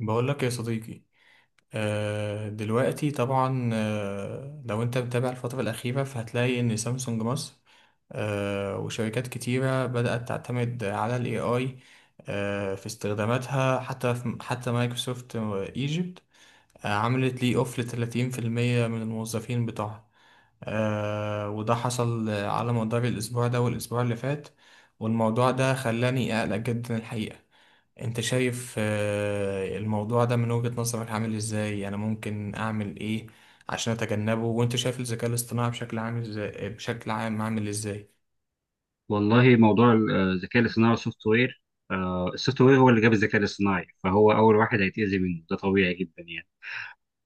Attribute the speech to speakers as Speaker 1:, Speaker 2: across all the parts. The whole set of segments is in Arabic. Speaker 1: بقول لك يا صديقي. دلوقتي طبعا، لو انت متابع الفترة الأخيرة فهتلاقي إن سامسونج مصر، وشركات كتيرة بدأت تعتمد على ال AI في استخداماتها، حتى مايكروسوفت ايجيبت عملت لي اوف ل30% من الموظفين بتوعها، وده حصل على مدار الأسبوع ده والأسبوع اللي فات. والموضوع ده خلاني أقلق جدا الحقيقة. انت شايف الموضوع ده من وجهة نظرك عامل ازاي؟ انا ممكن اعمل ايه عشان اتجنبه؟ وانت شايف الذكاء الاصطناعي بشكل عام ازاي؟ بشكل عام عامل ازاي؟
Speaker 2: والله موضوع الذكاء الاصطناعي والسوفت وير. السوفت وير هو اللي جاب الذكاء الاصطناعي، فهو اول واحد هيتأذي منه، ده طبيعي جدا يعني.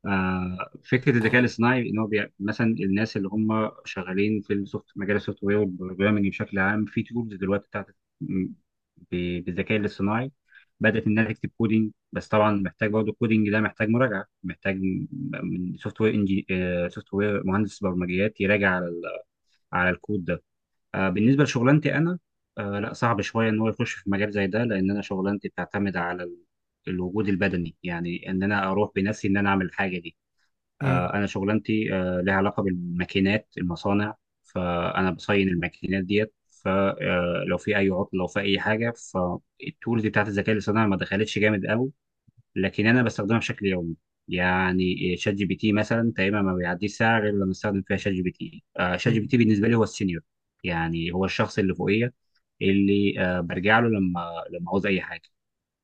Speaker 2: فكره الذكاء
Speaker 1: هل-
Speaker 2: الاصطناعي ان هو مثلا الناس اللي هم شغالين في مجال السوفت وير والبروجرامنج بشكل عام، في تولز دلوقتي بتاعت م- بالذكاء الاصطناعي بدات انها تكتب كودينج، بس طبعا محتاج برضه، الكودينج ده محتاج مراجعه، محتاج من سوفت وير، مهندس برمجيات يراجع على على الكود ده. بالنسبه لشغلانتي انا، لا، صعب شويه ان هو يخش في مجال زي ده، لان انا شغلانتي بتعتمد على الوجود البدني، يعني ان انا اروح بنفسي، ان انا اعمل الحاجه دي.
Speaker 1: مم.
Speaker 2: انا شغلانتي لها علاقه بالماكينات، المصانع، فانا بصين الماكينات ديت، فلو في اي عطل، لو في اي حاجه، فالتولز بتاعت الذكاء الاصطناعي ما دخلتش جامد قوي، لكن انا بستخدمها بشكل يومي. يعني شات جي بي تي مثلا تقريبا ما بيعديش ساعه غير لما استخدم فيها شات جي بي تي. شات جي بي
Speaker 1: مم.
Speaker 2: تي بالنسبه لي هو السينيور، يعني هو الشخص اللي فوقيه، اللي برجع له لما عاوز اي حاجه،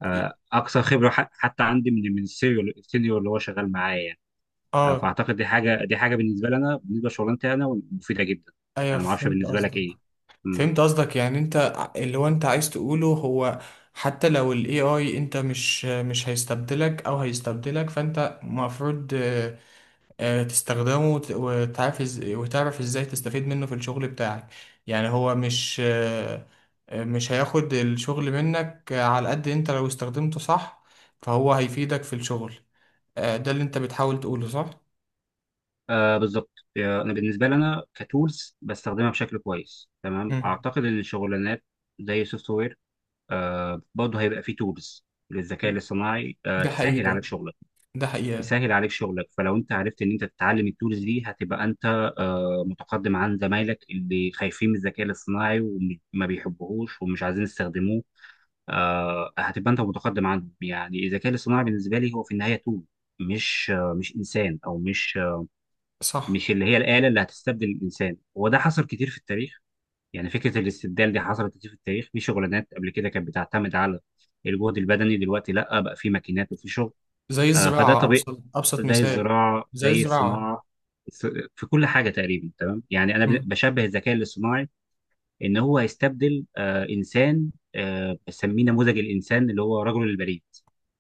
Speaker 2: اكثر خبره حتى عندي، من السينيور اللي هو شغال معايا يعني.
Speaker 1: اه،
Speaker 2: فاعتقد دي حاجه بالنسبه لي انا، بالنسبه لشغلانتي انا مفيده جدا.
Speaker 1: ايوه
Speaker 2: انا ما اعرفش
Speaker 1: فهمت
Speaker 2: بالنسبه لك
Speaker 1: قصدك.
Speaker 2: ايه.
Speaker 1: فهمت قصدك، يعني انت اللي هو انت عايز تقوله هو، حتى لو ال AI انت مش هيستبدلك او هيستبدلك فانت المفروض تستخدمه وتعرف وتعرف ازاي تستفيد منه في الشغل بتاعك. يعني هو مش مش هياخد الشغل منك على قد انت لو استخدمته صح فهو هيفيدك في الشغل. ده اللي انت بتحاول تقوله، صح؟
Speaker 2: بالظبط. انا بالنسبه لي، انا كتولز بستخدمها بشكل كويس تمام.
Speaker 1: مم.
Speaker 2: اعتقد ان الشغلانات زي سوفت وير برضه هيبقى فيه تولز للذكاء الاصطناعي
Speaker 1: ده حقيقي
Speaker 2: تسهل عليك
Speaker 1: ده.
Speaker 2: شغلك.
Speaker 1: ده حقيقة.
Speaker 2: تسهل عليك شغلك، فلو انت عرفت ان انت تتعلم التولز دي، هتبقى انت متقدم عن زمايلك اللي خايفين من الذكاء الاصطناعي، وما بيحبوهوش ومش عايزين يستخدموه. هتبقى انت متقدم عنهم، يعني الذكاء الاصطناعي بالنسبه لي هو في النهايه تول، مش مش انسان، او مش
Speaker 1: صح.
Speaker 2: مش اللي هي الآلة اللي هتستبدل الإنسان، وده حصل كتير في التاريخ. يعني فكرة الاستبدال دي حصلت كتير في التاريخ، في شغلانات قبل كده كانت بتعتمد على الجهد البدني، دلوقتي لا، بقى في ماكينات وفي شغل.
Speaker 1: زي
Speaker 2: فده
Speaker 1: الزراعة،
Speaker 2: طبيعي،
Speaker 1: أبسط
Speaker 2: زي
Speaker 1: مثال.
Speaker 2: الزراعة
Speaker 1: زي
Speaker 2: زي
Speaker 1: الزراعة.
Speaker 2: الصناعة، في كل حاجة تقريبا، تمام؟ يعني أنا
Speaker 1: مم.
Speaker 2: بشبه الذكاء الاصطناعي إن هو هيستبدل إنسان، بسميه نموذج الإنسان اللي هو رجل البريد،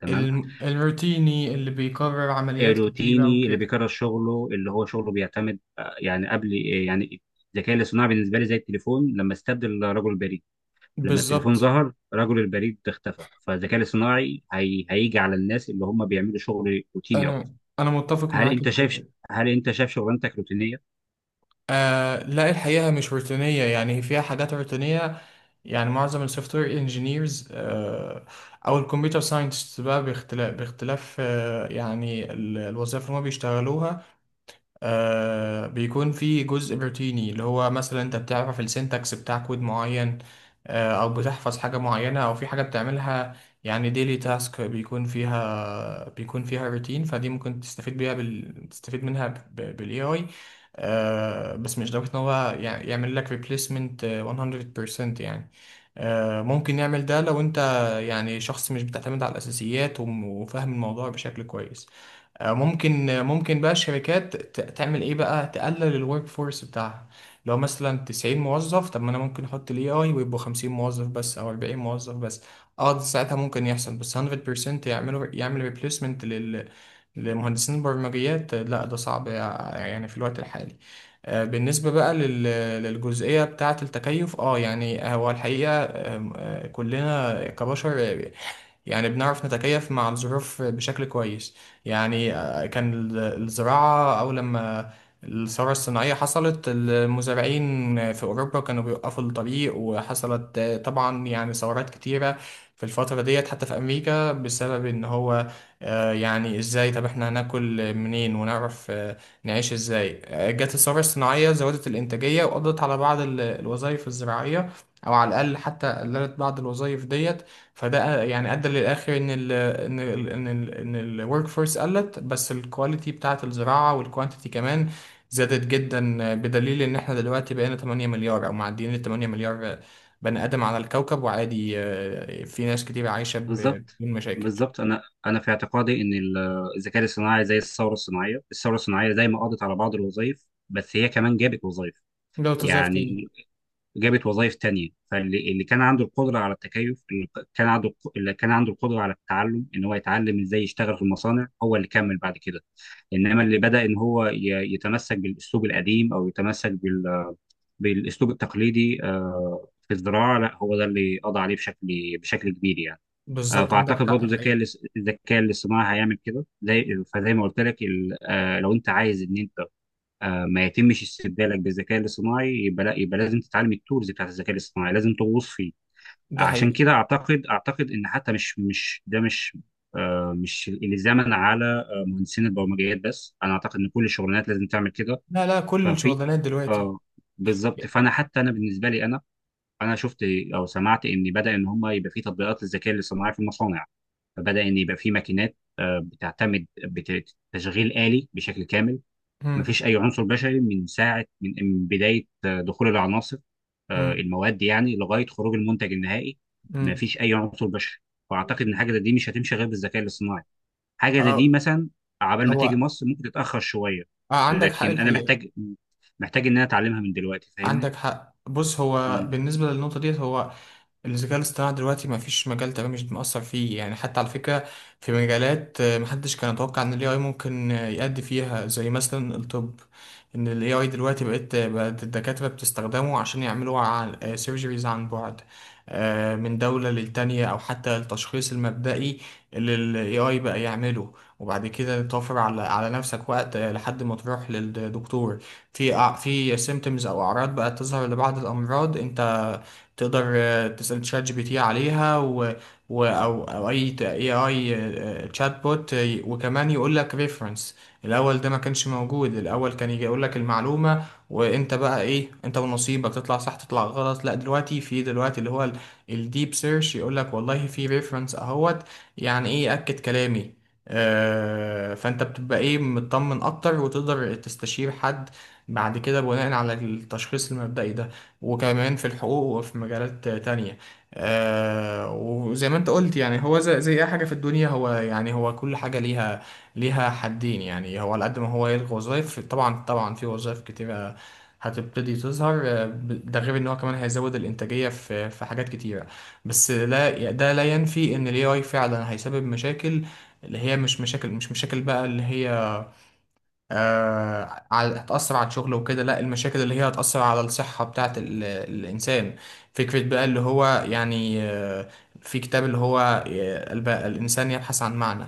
Speaker 2: تمام.
Speaker 1: الروتيني اللي بيكرر عمليات كتيرة
Speaker 2: روتيني اللي
Speaker 1: وكده.
Speaker 2: بيكرر شغله، اللي هو شغله بيعتمد، يعني قبل، يعني الذكاء الاصطناعي بالنسبه لي زي التليفون لما استبدل رجل البريد. لما التليفون
Speaker 1: بالظبط.
Speaker 2: ظهر رجل البريد اختفى، فالذكاء الاصطناعي هيجي على الناس اللي هم بيعملوا شغل روتيني اكتر.
Speaker 1: أنا متفق
Speaker 2: هل
Speaker 1: معاك
Speaker 2: انت شايف
Speaker 1: الحقيقة.
Speaker 2: هل انت شايف شغلانتك روتينيه؟
Speaker 1: آه لا الحقيقة مش روتينية، يعني هي فيها حاجات روتينية. يعني معظم السوفت وير انجينيرز آه، أو الكمبيوتر ساينتست بقى، باختلاف آه يعني الوظائف اللي هم بيشتغلوها، آه بيكون في جزء روتيني، اللي هو مثلا انت بتعرف السنتكس بتاع كود معين، آه او بتحفظ حاجة معينة او في حاجة بتعملها. يعني ديلي تاسك بيكون فيها روتين، فدي ممكن تستفيد بيها تستفيد منها بالاي اي. آه بس مش لدرجة ان هو يعمل لك ريبليسمنت 100% يعني. آه ممكن يعمل ده لو انت يعني شخص مش بتعتمد على الاساسيات وفاهم الموضوع بشكل كويس. ممكن بقى الشركات تعمل ايه بقى، تقلل الورك فورس بتاعها. لو مثلا 90 موظف، طب ما انا ممكن احط الاي اي ويبقوا 50 موظف بس او 40 موظف بس. اه ده ساعتها ممكن يحصل. بس 100% يعملوا يعمل ريبليسمنت لل، لمهندسين البرمجيات، لا ده صعب يعني في الوقت الحالي. بالنسبة بقى للجزئية بتاعة التكيف، اه يعني هو الحقيقة آم، آه، كلنا كبشر يعني بنعرف نتكيف مع الظروف بشكل كويس. يعني كان الزراعة أو لما الثورة الصناعية حصلت، المزارعين في أوروبا كانوا بيوقفوا الطريق وحصلت طبعا يعني ثورات كتيرة في الفترة ديت، حتى في أمريكا، بسبب إن هو يعني إزاي، طب إحنا هناكل منين ونعرف نعيش إزاي. جت الثورة الصناعية زودت الإنتاجية وقضت على بعض الوظائف الزراعية، أو على الأقل حتى قللت بعض الوظائف ديت. فده يعني ادى للاخر ان ال ان ال ان ال ان الورك فورس قلت، بس الكواليتي بتاعه الزراعه والكوانتيتي كمان زادت جدا، بدليل ان احنا دلوقتي بقينا 8 مليار او معديين ال 8 مليار بني ادم على الكوكب وعادي، في ناس كتير عايشه
Speaker 2: بالظبط.
Speaker 1: بدون مشاكل.
Speaker 2: بالظبط، انا في اعتقادي ان الذكاء الاصطناعي زي الثوره الصناعيه. الثوره الصناعيه زي ما قضت على بعض الوظائف، بس هي كمان جابت وظائف،
Speaker 1: ده وظائف تاني.
Speaker 2: يعني جابت وظائف تانية. فاللي كان عنده القدرة على التكيف، اللي كان عنده اللي كان عنده القدرة على التعلم، ان هو يتعلم ازاي يشتغل في المصانع، هو اللي كمل بعد كده. انما اللي بدأ ان هو يتمسك بالاسلوب القديم، او يتمسك بالاسلوب التقليدي في الزراعة، لا، هو ده اللي قضى عليه بشكل كبير يعني.
Speaker 1: بالظبط عندك
Speaker 2: فاعتقد
Speaker 1: حق
Speaker 2: برضه
Speaker 1: الحقيقه.
Speaker 2: الذكاء الاصطناعي هيعمل كده، زي ما قلت لك، لو انت عايز ان انت ما يتمش استبدالك بالذكاء الاصطناعي، يبقى لا، يبقى لازم تتعلم التولز بتاعت الذكاء الاصطناعي، لازم تغوص فيه.
Speaker 1: ده
Speaker 2: عشان
Speaker 1: حقيقي.
Speaker 2: كده اعتقد، اعتقد ان حتى مش ده مش مش الزمن على مهندسين البرمجيات بس، انا اعتقد ان كل الشغلانات لازم تعمل كده.
Speaker 1: لا لا، كل
Speaker 2: ففي
Speaker 1: الشغلانات دلوقتي.
Speaker 2: اه بالظبط، فانا حتى انا بالنسبه لي انا شفت او سمعت ان بدا ان هم يبقى في تطبيقات للذكاء الاصطناعي في المصانع، فبدا ان يبقى في ماكينات بتعتمد بتشغيل آلي بشكل كامل،
Speaker 1: مم.
Speaker 2: مفيش اي عنصر بشري، من ساعه من بدايه دخول العناصر،
Speaker 1: مم.
Speaker 2: المواد، يعني لغايه خروج المنتج النهائي،
Speaker 1: مم.
Speaker 2: مفيش اي عنصر بشري. فاعتقد ان حاجه زي دي مش هتمشي غير بالذكاء الاصطناعي. حاجه زي
Speaker 1: اه.
Speaker 2: دي مثلا عبال ما
Speaker 1: هو
Speaker 2: تيجي مصر ممكن تتاخر شويه،
Speaker 1: آه عندك حق
Speaker 2: لكن انا
Speaker 1: الحقيقة.
Speaker 2: محتاج، محتاج ان انا اتعلمها من دلوقتي، فاهمني؟
Speaker 1: عندك حق. بص هو
Speaker 2: مم.
Speaker 1: بالنسبة للنقطة ديت، هو الذكاء الاصطناعي دلوقتي ما فيش مجال تمام مش مأثر فيه، يعني حتى على فكرة في مجالات محدش كان يتوقع ان ال AI ممكن يأدي فيها، زي مثلا الطب. ان ال AI دلوقتي بقت الدكاترة بتستخدمه عشان يعملوا سيرجريز عن بعد من دولة للتانية، او حتى التشخيص المبدئي اللي ال AI بقى يعمله. وبعد كده توفر على نفسك وقت لحد ما تروح للدكتور. في في سيمتومز او اعراض بقت تظهر لبعض الامراض، انت تقدر تسأل تشات جي بي تي عليها أو أو أي اي اي تشات بوت وكمان يقول لك ريفرنس. الأول ده ما كانش موجود، الأول كان يجي يقول لك المعلومة وأنت بقى إيه، أنت ونصيبك، تطلع صح تطلع غلط. لا دلوقتي دلوقتي اللي هو الديب سيرش يقول لك والله في ريفرنس أهوت، يعني إيه أكد كلامي، فانت بتبقى ايه مطمن اكتر وتقدر تستشير حد بعد كده بناء على التشخيص المبدئي ده. وكمان في الحقوق وفي مجالات تانية. آه وزي ما انت قلت يعني هو زي, زي اي حاجة في الدنيا، هو يعني هو كل حاجة ليها، ليها حدين. يعني هو على قد ما هو يلغي وظائف، طبعا طبعا في وظائف كتيرة هتبتدي تظهر، ده غير ان هو كمان هيزود الانتاجية في حاجات كتيرة. بس لا ده لا ينفي ان الاي اي فعلا هيسبب مشاكل. اللي هي مش مشاكل، مش مشاكل بقى اللي هي آه، على- هتأثر على الشغل وكده، لا، المشاكل اللي هي هتأثر على الصحة بتاعة الإنسان. فكرة بقى اللي هو يعني في كتاب اللي هو الإنسان يبحث عن معنى.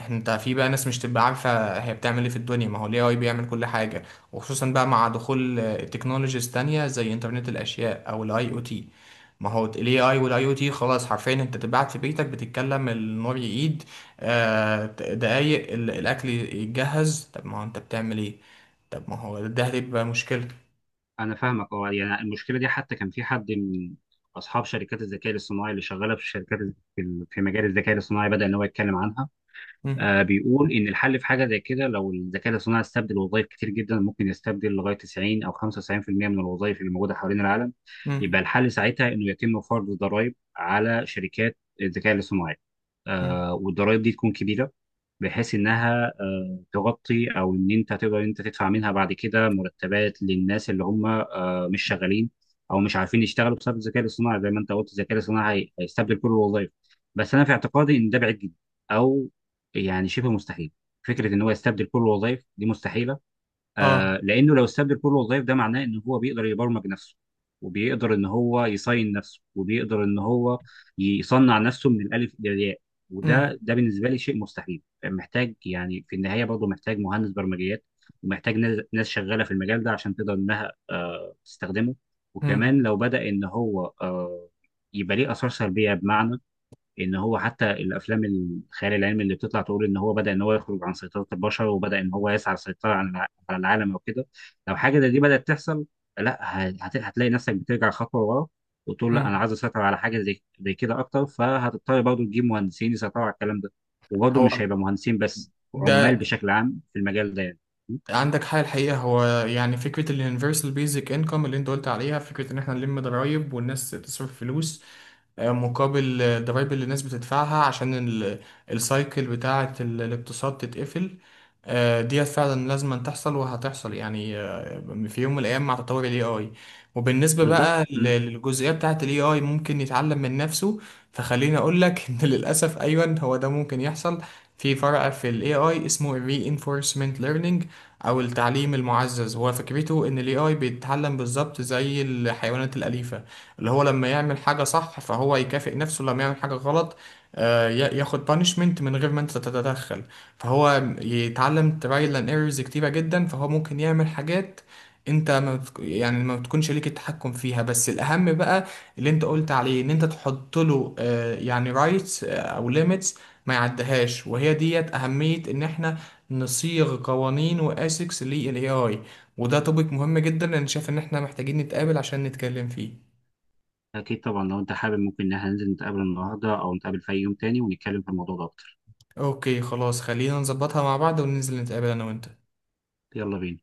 Speaker 1: احنا انت في بقى ناس مش تبقى عارفة هي بتعمل ايه في الدنيا، ما هو ال AI بيعمل كل حاجة. وخصوصا بقى مع دخول تكنولوجيز تانية زي انترنت الأشياء أو ال IoT. ما هو ال AI وال IoT خلاص حرفيا انت تبعت في بيتك بتتكلم، النور يقيد، آه، دقايق الأكل يتجهز. طب ما هو أنت بتعمل إيه؟ طب ما هو ده هتبقى مشكلة.
Speaker 2: انا فاهمك. اه يعني المشكله دي، حتى كان في حد من اصحاب شركات الذكاء الاصطناعي اللي شغاله في الشركات في مجال الذكاء الاصطناعي بدا ان هو يتكلم عنها.
Speaker 1: مم،
Speaker 2: بيقول إن الحل في حاجة زي كده. لو الذكاء الاصطناعي استبدل وظائف كتير جدا، ممكن يستبدل لغاية 90 أو 95% من الوظائف اللي موجودة حوالين العالم،
Speaker 1: مم،
Speaker 2: يبقى الحل ساعتها إنه يتم فرض ضرائب على شركات الذكاء الاصطناعي.
Speaker 1: مم.
Speaker 2: والضرائب دي تكون كبيرة، بحيث انها تغطي، او ان انت تقدر انت تدفع منها بعد كده مرتبات للناس اللي هم مش شغالين، او مش عارفين يشتغلوا بسبب الذكاء الاصطناعي. زي ما انت قلت الذكاء الاصطناعي هيستبدل كل الوظائف. بس انا في اعتقادي ان ده بعيد جدا، او يعني شبه مستحيل. فكره ان هو يستبدل كل الوظائف دي مستحيله.
Speaker 1: آه.
Speaker 2: لانه لو استبدل كل الوظائف، ده معناه ان هو بيقدر يبرمج نفسه، وبيقدر ان هو يصين نفسه، وبيقدر ان هو يصنع نفسه من الالف للياء.
Speaker 1: مم،
Speaker 2: وده بالنسبه لي شيء مستحيل، محتاج، يعني في النهايه برضه محتاج مهندس برمجيات ومحتاج ناس، شغاله في المجال ده عشان تقدر انها تستخدمه.
Speaker 1: مم،
Speaker 2: وكمان لو بدا ان هو يبقى ليه اثار سلبيه، بمعنى ان هو حتى الافلام الخيال العلمي اللي بتطلع تقول ان هو بدا ان هو يخرج عن سيطره البشر، وبدا ان هو يسعى للسيطره على على العالم او كده، لو حاجه زي دي بدات تحصل، لا، هتلاقي نفسك بترجع خطوه ورا، وتقول لا، انا
Speaker 1: مم.
Speaker 2: عايز اسيطر على حاجه زي كده اكتر، فهتضطر برضه تجيب مهندسين يسيطروا على الكلام ده. وبرضه
Speaker 1: هو
Speaker 2: مش هيبقى مهندسين بس، عمال
Speaker 1: ده.
Speaker 2: بشكل عام في المجال ده يعني. م؟
Speaker 1: عندك حاجة الحقيقة. هو يعني فكرة ال universal basic income اللي أنت قلت عليها، فكرة إن إحنا نلم ضرايب والناس تصرف فلوس مقابل الضرايب اللي الناس بتدفعها عشان السايكل بتاعة الاقتصاد تتقفل. ديت فعلا لازم أن تحصل وهتحصل يعني، في يوم من الأيام مع تطور ال AI. وبالنسبة
Speaker 2: بالظبط.
Speaker 1: بقى
Speaker 2: م.
Speaker 1: للجزئية بتاعة ال AI ممكن يتعلم من نفسه، فخليني أقول لك إن للأسف أيوة هو ده ممكن يحصل. في فرع في ال AI اسمه ال Reinforcement Learning أو التعليم المعزز. هو فكرته إن ال AI بيتعلم بالظبط زي الحيوانات الأليفة، اللي هو لما يعمل حاجة صح فهو يكافئ نفسه، لما يعمل حاجة غلط ياخد بانشمنت من غير ما انت تتدخل. فهو يتعلم ترايل اند ايرورز كتيرة جدا، فهو ممكن يعمل حاجات انت ما بتك... يعني ما بتكونش ليك التحكم فيها. بس الاهم بقى اللي انت قلت عليه، ان انت تحط له يعني رايتس او ليميتس ما يعدهاش. وهي ديت اهمية ان احنا نصيغ قوانين واسكس للاي اي. وده توبيك مهم جدا، انا شايف ان احنا محتاجين نتقابل عشان نتكلم فيه.
Speaker 2: اكيد طبعا. لو انت حابب، ممكن ان احنا ننزل نتقابل النهارده، او نتقابل في اي يوم تاني ونتكلم في الموضوع ده اكتر.
Speaker 1: اوكي خلاص، خلينا نظبطها مع بعض وننزل نتقابل انا وانت.
Speaker 2: يلا بينا.